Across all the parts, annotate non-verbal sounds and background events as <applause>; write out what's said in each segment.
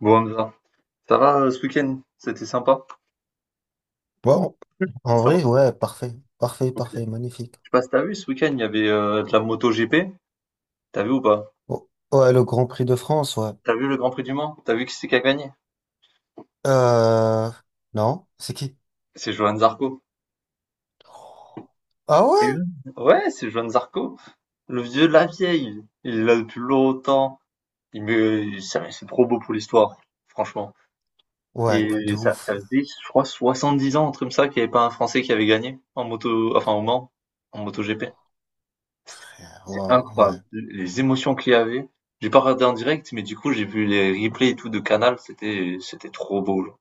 Bon, Hamza, ça va ce week-end? C'était sympa? Bon, en Ça va? vrai, ouais, parfait. Parfait, Ok. Je parfait, magnifique. sais pas si t'as vu ce week-end, il y avait de la moto MotoGP. T'as vu ou pas? Oh, ouais, le Grand Prix de France, ouais. T'as vu le Grand Prix du Mans? T'as vu qui c'est qui a gagné? Euh, non, c'est qui? C'est Johan Zarco. Ah Et ouais? eux Ouais, c'est Johan Zarco. Le vieux de la vieille. Il est là depuis longtemps. C'est trop beau pour l'histoire, franchement. Ouais, de Ouais. Ça ouf, faisait, je crois, 70 ans, un truc ça, qu'il n'y avait pas un Français qui avait gagné en moto, enfin au Mans, en MotoGP. frère. C'est Waouh, ouais. incroyable, les émotions qu'il y avait. J'ai pas regardé en direct, mais du coup, j'ai vu les replays et tout de Canal, c'était trop beau, genre.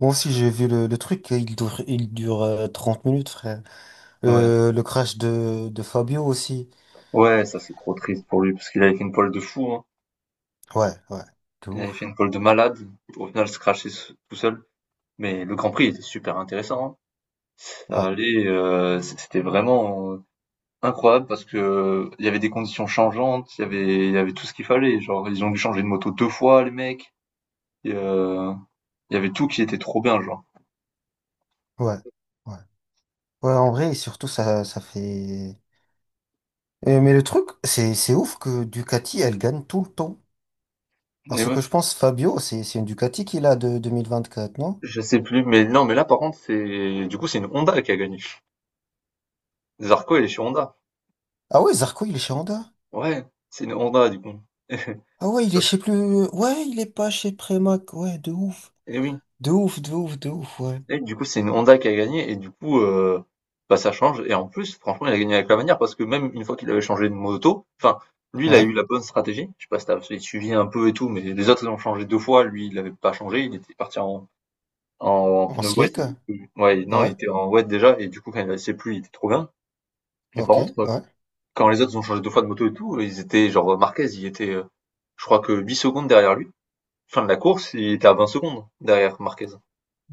Moi aussi, j'ai vu le truc, il dure, il dure 30 minutes, frère. Ouais. Le crash de Fabio aussi. Ouais, ça c'est trop triste pour lui parce qu'il avait fait une pole de fou, hein. Ouais, ouais, de Il avait fait ouf. une pole de malade. Au final, se crasher tout seul. Mais le Grand Prix était super intéressant, hein. Ça Ouais, allait, c'était vraiment incroyable parce que il y avait des conditions changeantes, il y avait tout ce qu'il fallait. Genre, ils ont dû changer de moto deux fois, les mecs. Et, il y avait tout qui était trop bien, genre. ouais, ouais. Ouais, en vrai, et surtout, ça fait... Mais le truc, c'est ouf que Ducati, elle gagne tout le temps. Et Parce que je pense Fabio, c'est une Ducati qu'il a de 2024, non? Je sais plus, mais non, mais là, par contre, du coup, c'est une Honda qui a gagné. Zarco, elle est sur Honda. Ah ouais, Zarco, il est chez Honda. Ouais, c'est une Honda, du coup. <laughs> Ah ouais, il est chez plus. Ouais, il est pas chez Premac. Ouais, de ouf. Et oui. De ouf, de ouf, de ouf, ouais. Et du coup, c'est une Honda qui a gagné, et du coup, bah, ça change. Et en plus, franchement, il a gagné avec la manière, parce que même une fois qu'il avait changé de moto, enfin, lui, il a Ouais, eu la bonne stratégie. Je sais pas si tu suivi un peu et tout, mais les autres, ils ont changé deux fois. Lui, il l'avait pas changé. Il était parti en pneu wet. slick. Ouais, non, il Ouais, était en wet déjà, et du coup, quand il a laissé plus, il était trop bien. Mais par ok, contre, ouais. quand les autres ont changé 2 fois de moto et tout, ils étaient genre Marquez, il était, je crois que 8 secondes derrière lui. Fin de la course, il était à 20 secondes derrière Marquez.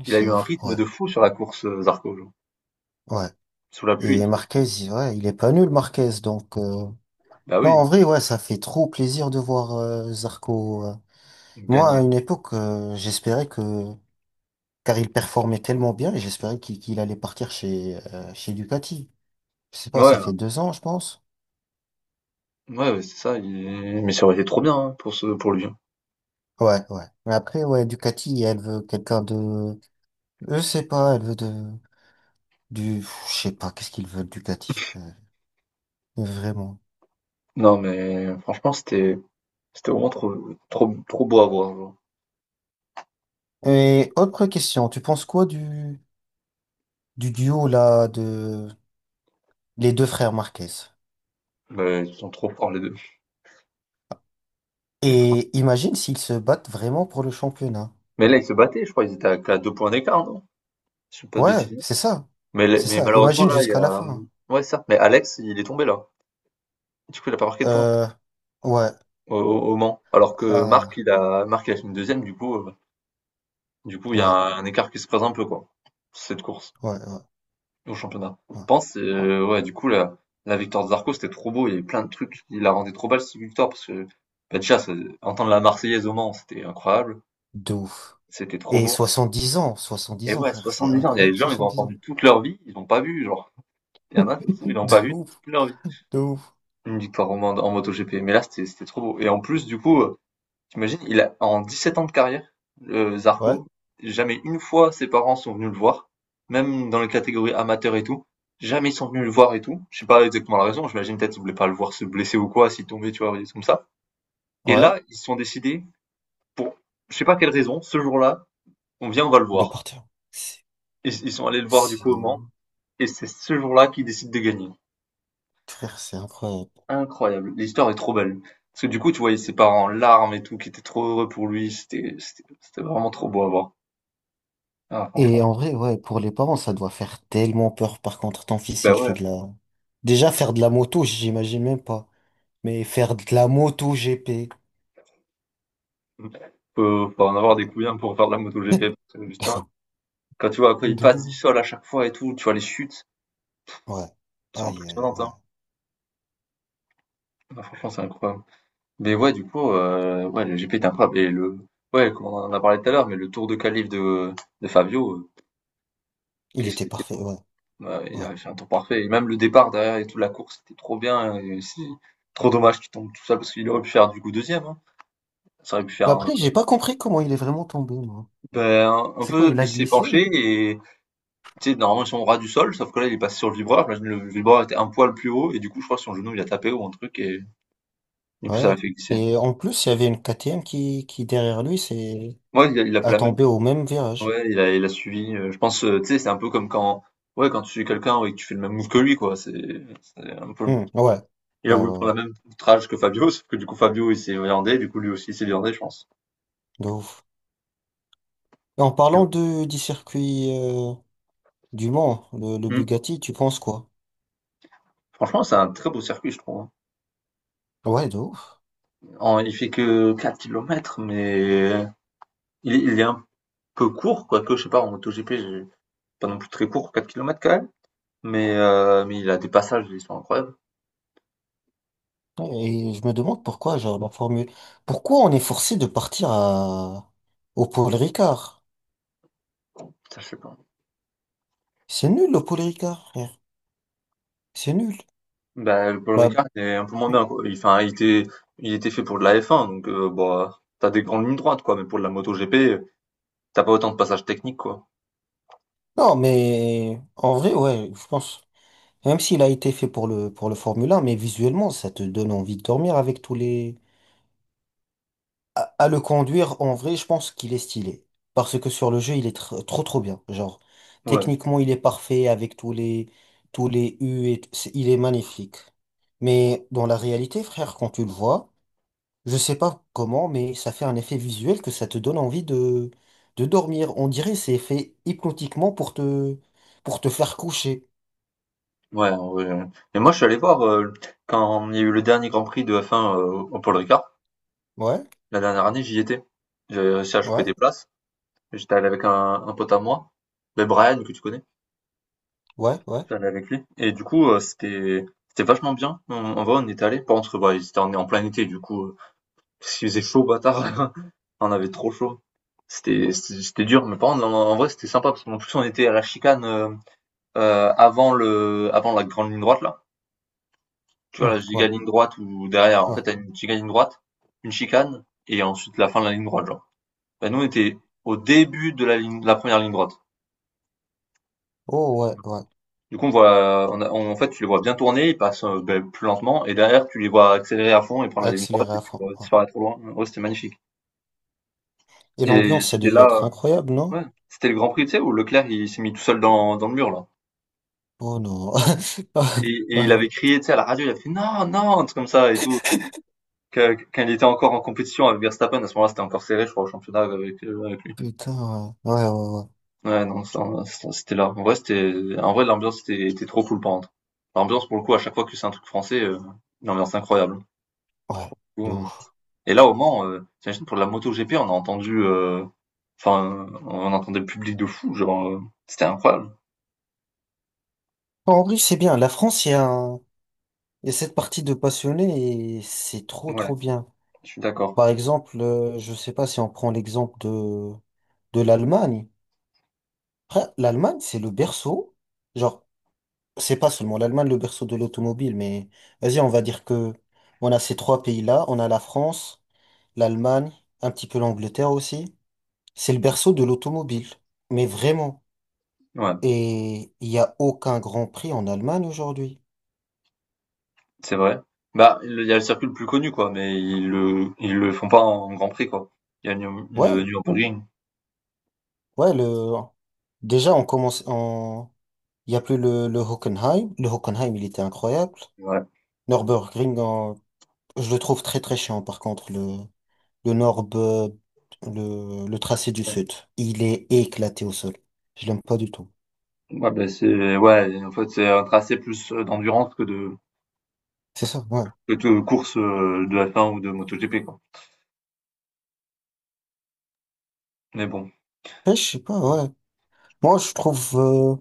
Il a C'est eu un ouf, rythme ouais, de fou sur la course, Zarco, genre. ouais. Sous la pluie, il Et est. Marquez, ouais, il est pas nul, Marquez. Donc, Bah non, oui, en vrai, ouais, ça fait trop plaisir de voir Zarco. Il Moi, à gagnait. une époque, j'espérais que. Car il performait tellement bien, et j'espérais qu'il allait partir chez, chez Ducati. Je sais pas, ça Ouais, fait deux ans, je pense. ouais, ouais, c'est ça, il mais ça aurait été trop bien, hein, pour lui, hein. Ouais, ouais. Mais après, ouais, Ducati, elle veut quelqu'un de... Je sais pas, elle veut de... Du... Je sais pas, qu'est-ce qu'ils veulent, Ducati, frère. Vraiment. Non, mais franchement, c'était vraiment trop trop trop beau à voir, genre. Et autre question, tu penses quoi du duo, là, de... Les deux frères Marquez? Mais ils sont trop forts les 2. Et imagine s'ils se battent vraiment pour le championnat. Mais là, ils se battaient, je crois, ils étaient à qu'à 2 points d'écart, non? Si je dis pas de Ouais, bêtises. c'est ça. C'est Mais ça. malheureusement, Imagine là, il y jusqu'à a. la fin, hein. ouais, certes, mais Alex, il est tombé là. Du coup, il a pas marqué de points Euh... Ouais. Au Mans. Alors que Ah. Marc, il a fini deuxième, du coup, il y a Ouais. Un écart qui se présente un peu, quoi. Cette course Ouais. Ouais. au championnat. Je Ouais. pense, ouais, du coup, la victoire de Zarco, c'était trop beau. Il y avait plein de trucs. Il la rendait trop belle, cette victoire, parce que, bah, déjà, entendre la Marseillaise au Mans, c'était incroyable. De ouf. C'était trop Et beau. Et 70 ans, ouais, frère, c'est 70 ans, il y a incroyable, des gens, ils ont 70 ans. entendu toute leur vie, ils l'ont pas vu, genre. Il y en a, ils <laughs> l'ont pas De vu ouf, toute leur vie. de ouf. Une victoire en MotoGP. Mais là, c'était trop beau. Et en plus, du coup, t'imagines, il a, en 17 ans de carrière, le Ouais, Zarco, jamais une fois ses parents sont venus le voir, même dans les catégories amateurs et tout. Jamais ils sont venus le voir et tout. Je sais pas exactement la raison. J'imagine peut-être qu'ils voulaient pas le voir se blesser ou quoi, s'il tombait, tu vois, des trucs comme ça. Et ouais, là, ils se sont décidés, pour je sais pas quelle raison, ce jour-là, on va le de voir. partir. C'est Ils sont allés le voir du c'est coup au ouf. Mans, et c'est ce jour-là qu'ils décident de gagner. Frère, c'est incroyable. Incroyable, l'histoire est trop belle. Parce que du coup, tu voyais ses parents en larmes et tout, qui étaient trop heureux pour lui. C'était vraiment trop beau à voir. Ah, Et franchement. en vrai, ouais, pour les parents, ça doit faire tellement peur. Par contre, ton fils, Bah il fait ouais. de la... Déjà, faire de la moto, j'imagine même pas. Mais faire de la moto GP. Faut en avoir des couilles hein, pour faire de la moto GP, <laughs> parce que, putain, quand tu vois quand il De passe du ouf. sol à chaque fois et tout, tu vois les chutes, Ouais. c'est Aïe, aïe, impressionnant, ouais. hein. Ah, franchement, c'est incroyable. Mais ouais, du coup, ouais, le GP est incroyable. Ouais, comme on en a parlé tout à l'heure, mais le tour de calife de Fabio, Il qu'est-ce était qu'il était parfait, ouais, ouais, il ouais. avait fait un temps parfait. Et même le départ derrière et toute la course, c'était trop bien. Et c'est trop dommage qu'il tombe tout seul parce qu'il aurait pu faire du coup deuxième, hein. Ça aurait pu faire Mais un, après, j'ai pas compris comment il est vraiment tombé, moi. ben, un C'est quoi, peu. il a Il s'est glissé? penché et tu sais, normalement ils sont au ras du sol, sauf que là il est passé sur le vibreur. J'imagine le vibreur était un poil plus haut et du coup je crois que son genou il a tapé ou un truc et du coup Ouais. ça l'a fait glisser. Et en plus, il y avait une KTM qui, derrière lui, c'est Ouais, il a fait a la même. tombé au même virage. Ouais, il a suivi. Je pense, tu sais, c'est un peu comme quand. Ouais, quand tu suis quelqu'un et que tu fais le même move que lui, quoi. C'est un peu le. Hmm, ouais. Il a Ouais, ouais, voulu ouais. prendre la même outrage que Fabio, sauf que du coup Fabio il s'est viandé, du coup lui aussi il s'est viandé, je pense. De ouf. Et en Et parlant ouais. de, du circuit du Mans, le Hmm. Bugatti, tu penses quoi? Franchement, c'est un très beau circuit, je trouve, hein. Ouais, de ouf. Il fait que 4 kilomètres, mais il est un peu court, quoique, je sais pas, en MotoGP, pas non plus très court, 4 kilomètres quand même. Mais il a des passages, ils sont incroyables. Et je me demande pourquoi, genre, la Formule... Pourquoi on est forcé de partir à... au Paul Ricard? Ça, je sais pas. C'est nul, le Paul Ricard, frère. C'est nul. Bah, le Paul Bah, Ricard est un peu moins bien, quoi. Il, enfin, il était fait pour de la F1, donc bah, t'as des grandes lignes droites, quoi. Mais pour de la MotoGP, t'as pas autant de passages techniques, quoi. non, mais en vrai, ouais, je pense. Même s'il a été fait pour pour le Formule 1, mais visuellement, ça te donne envie de dormir avec tous les... À, à le conduire, en vrai, je pense qu'il est stylé. Parce que sur le jeu, il est trop trop bien. Genre, Ouais, techniquement, il est parfait avec tous les U et... Il est magnifique. Mais dans la réalité, frère, quand tu le vois, je sais pas comment, mais ça fait un effet visuel que ça te donne envie de dormir. On dirait que c'est fait hypnotiquement pour pour te faire coucher. ouais, en vrai, ouais. Et moi, je suis allé voir quand il y a eu le dernier Grand Prix de F1 au Paul Ricard. Ouais, La dernière année, j'y étais. J'avais réussi à choper ouais, des places. J'étais allé avec un pote à moi, mais Brian, que tu connais. ouais, ouais. J'étais allé avec lui et du coup, c'était vachement bien. On En vrai, on y était allé, par contre, bah, c'était en plein été du coup, parce qu'il faisait chaud bâtard. <laughs> On avait trop chaud. C'était dur, mais par contre, en vrai, c'était sympa parce qu'en plus on était à la chicane, avant le avant la grande ligne droite là. Tu vois Hmm, la giga ouais. ligne droite ou derrière, en Ouais. fait, tu as une giga ligne droite, une chicane et ensuite la fin de la ligne droite, genre. Bah, nous, on était au début de la première ligne droite. Oh ouais, ouais. Du coup, on voit, en fait, tu les vois bien tourner, ils passent ben, plus lentement, et derrière, tu les vois accélérer à fond et prendre la ligne droite Accéléré et à tu fond, vois ouais. disparaître trop loin. Ouais, c'était magnifique. Et Et l'ambiance, ça c'était devait là, être incroyable, non? ouais, c'était le Grand Prix, tu sais, où Leclerc, il s'est mis tout seul dans le mur, là. Oh non. <laughs> Et il Ouais. avait crié, tu sais, à la radio, il a fait non, non, un truc comme ça et tout. Quand il était encore en compétition avec Verstappen, à ce moment-là, c'était encore serré, je crois, au championnat avec, avec lui. Putain, ouais. Ouais, ouais, Ouais, non, ça, c'était là. En vrai, en vrai, l'ambiance était trop cool, par contre. L'ambiance, pour le coup, à chaque fois que c'est un truc français, l'ambiance incroyable. Du ouais. Ouais. coup, De euh, ouf. Et là, au Mans, t'imagines pour la MotoGP, on a entendu, enfin, on entendait le public de fou, genre, c'était incroyable. En vrai, c'est bien. La France, il y a cette partie de passionnés et c'est trop, Ouais, trop bien. je suis d'accord. Par exemple, je sais pas si on prend l'exemple de l'Allemagne. Après, l'Allemagne, c'est le berceau. Genre, c'est pas seulement l'Allemagne le berceau de l'automobile, mais vas-y, on va dire que on a ces trois pays-là. On a la France. L'Allemagne, un petit peu l'Angleterre aussi. C'est le berceau de l'automobile, mais vraiment. Ouais, Et il n'y a aucun Grand Prix en Allemagne aujourd'hui. c'est vrai. Bah, il y a le circuit le plus connu, quoi, mais ils le font pas en Grand Prix, quoi. Il y a Nür le Ouais, Nürburgring. ouais, le... déjà on commence en... Il n'y a plus le Hockenheim. Le Hockenheim, il était incroyable. Ouais, Nürburgring, je le trouve très très chiant par contre, le Nürb- le tracé du ouais. Sud. Il est éclaté au sol. Je l'aime pas du tout. Ouais, bah, c'est ouais, en fait, c'est un tracé plus, d'endurance que de C'est ça, ouais. Course, de F1 ou de MotoGP, quoi. Mais bon. Après, je sais pas, ouais. Moi,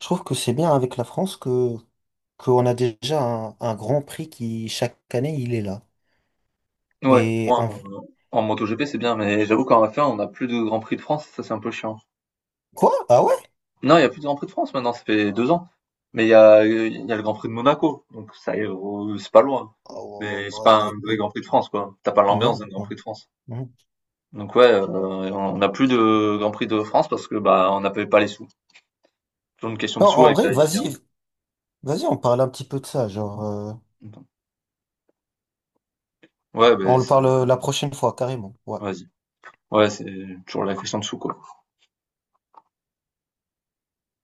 je trouve que c'est bien avec la France que qu'on a déjà un Grand Prix qui, chaque année, il est là. Ouais, Et ouais, en... en MotoGP, c'est bien, mais j'avoue qu'en F1, on a plus de Grand Prix de France, ça, c'est un peu chiant. Quoi? Ah ouais? Non, il y a plus de Grand Prix de France maintenant, ça fait 2 ans. Mais il y a le Grand Prix de Monaco, donc ça y est, c'est pas loin. Ah Mais c'est pas un ouais. vrai Grand Prix de France, quoi. T'as pas Ouais, l'ambiance d'un Grand ouais, Prix de France. ouais. Donc ouais, on n'a plus de Grand Prix de France parce que bah on n'avait pas les sous. Toujours une question de Non, sous en avec vrai, la f FIA. vas-y, vas-y, on parle un petit peu de ça, genre, Ouais, on bah, le parle la prochaine fois, carrément. Ouais. vas-y. Ouais, c'est toujours la question de sous, quoi.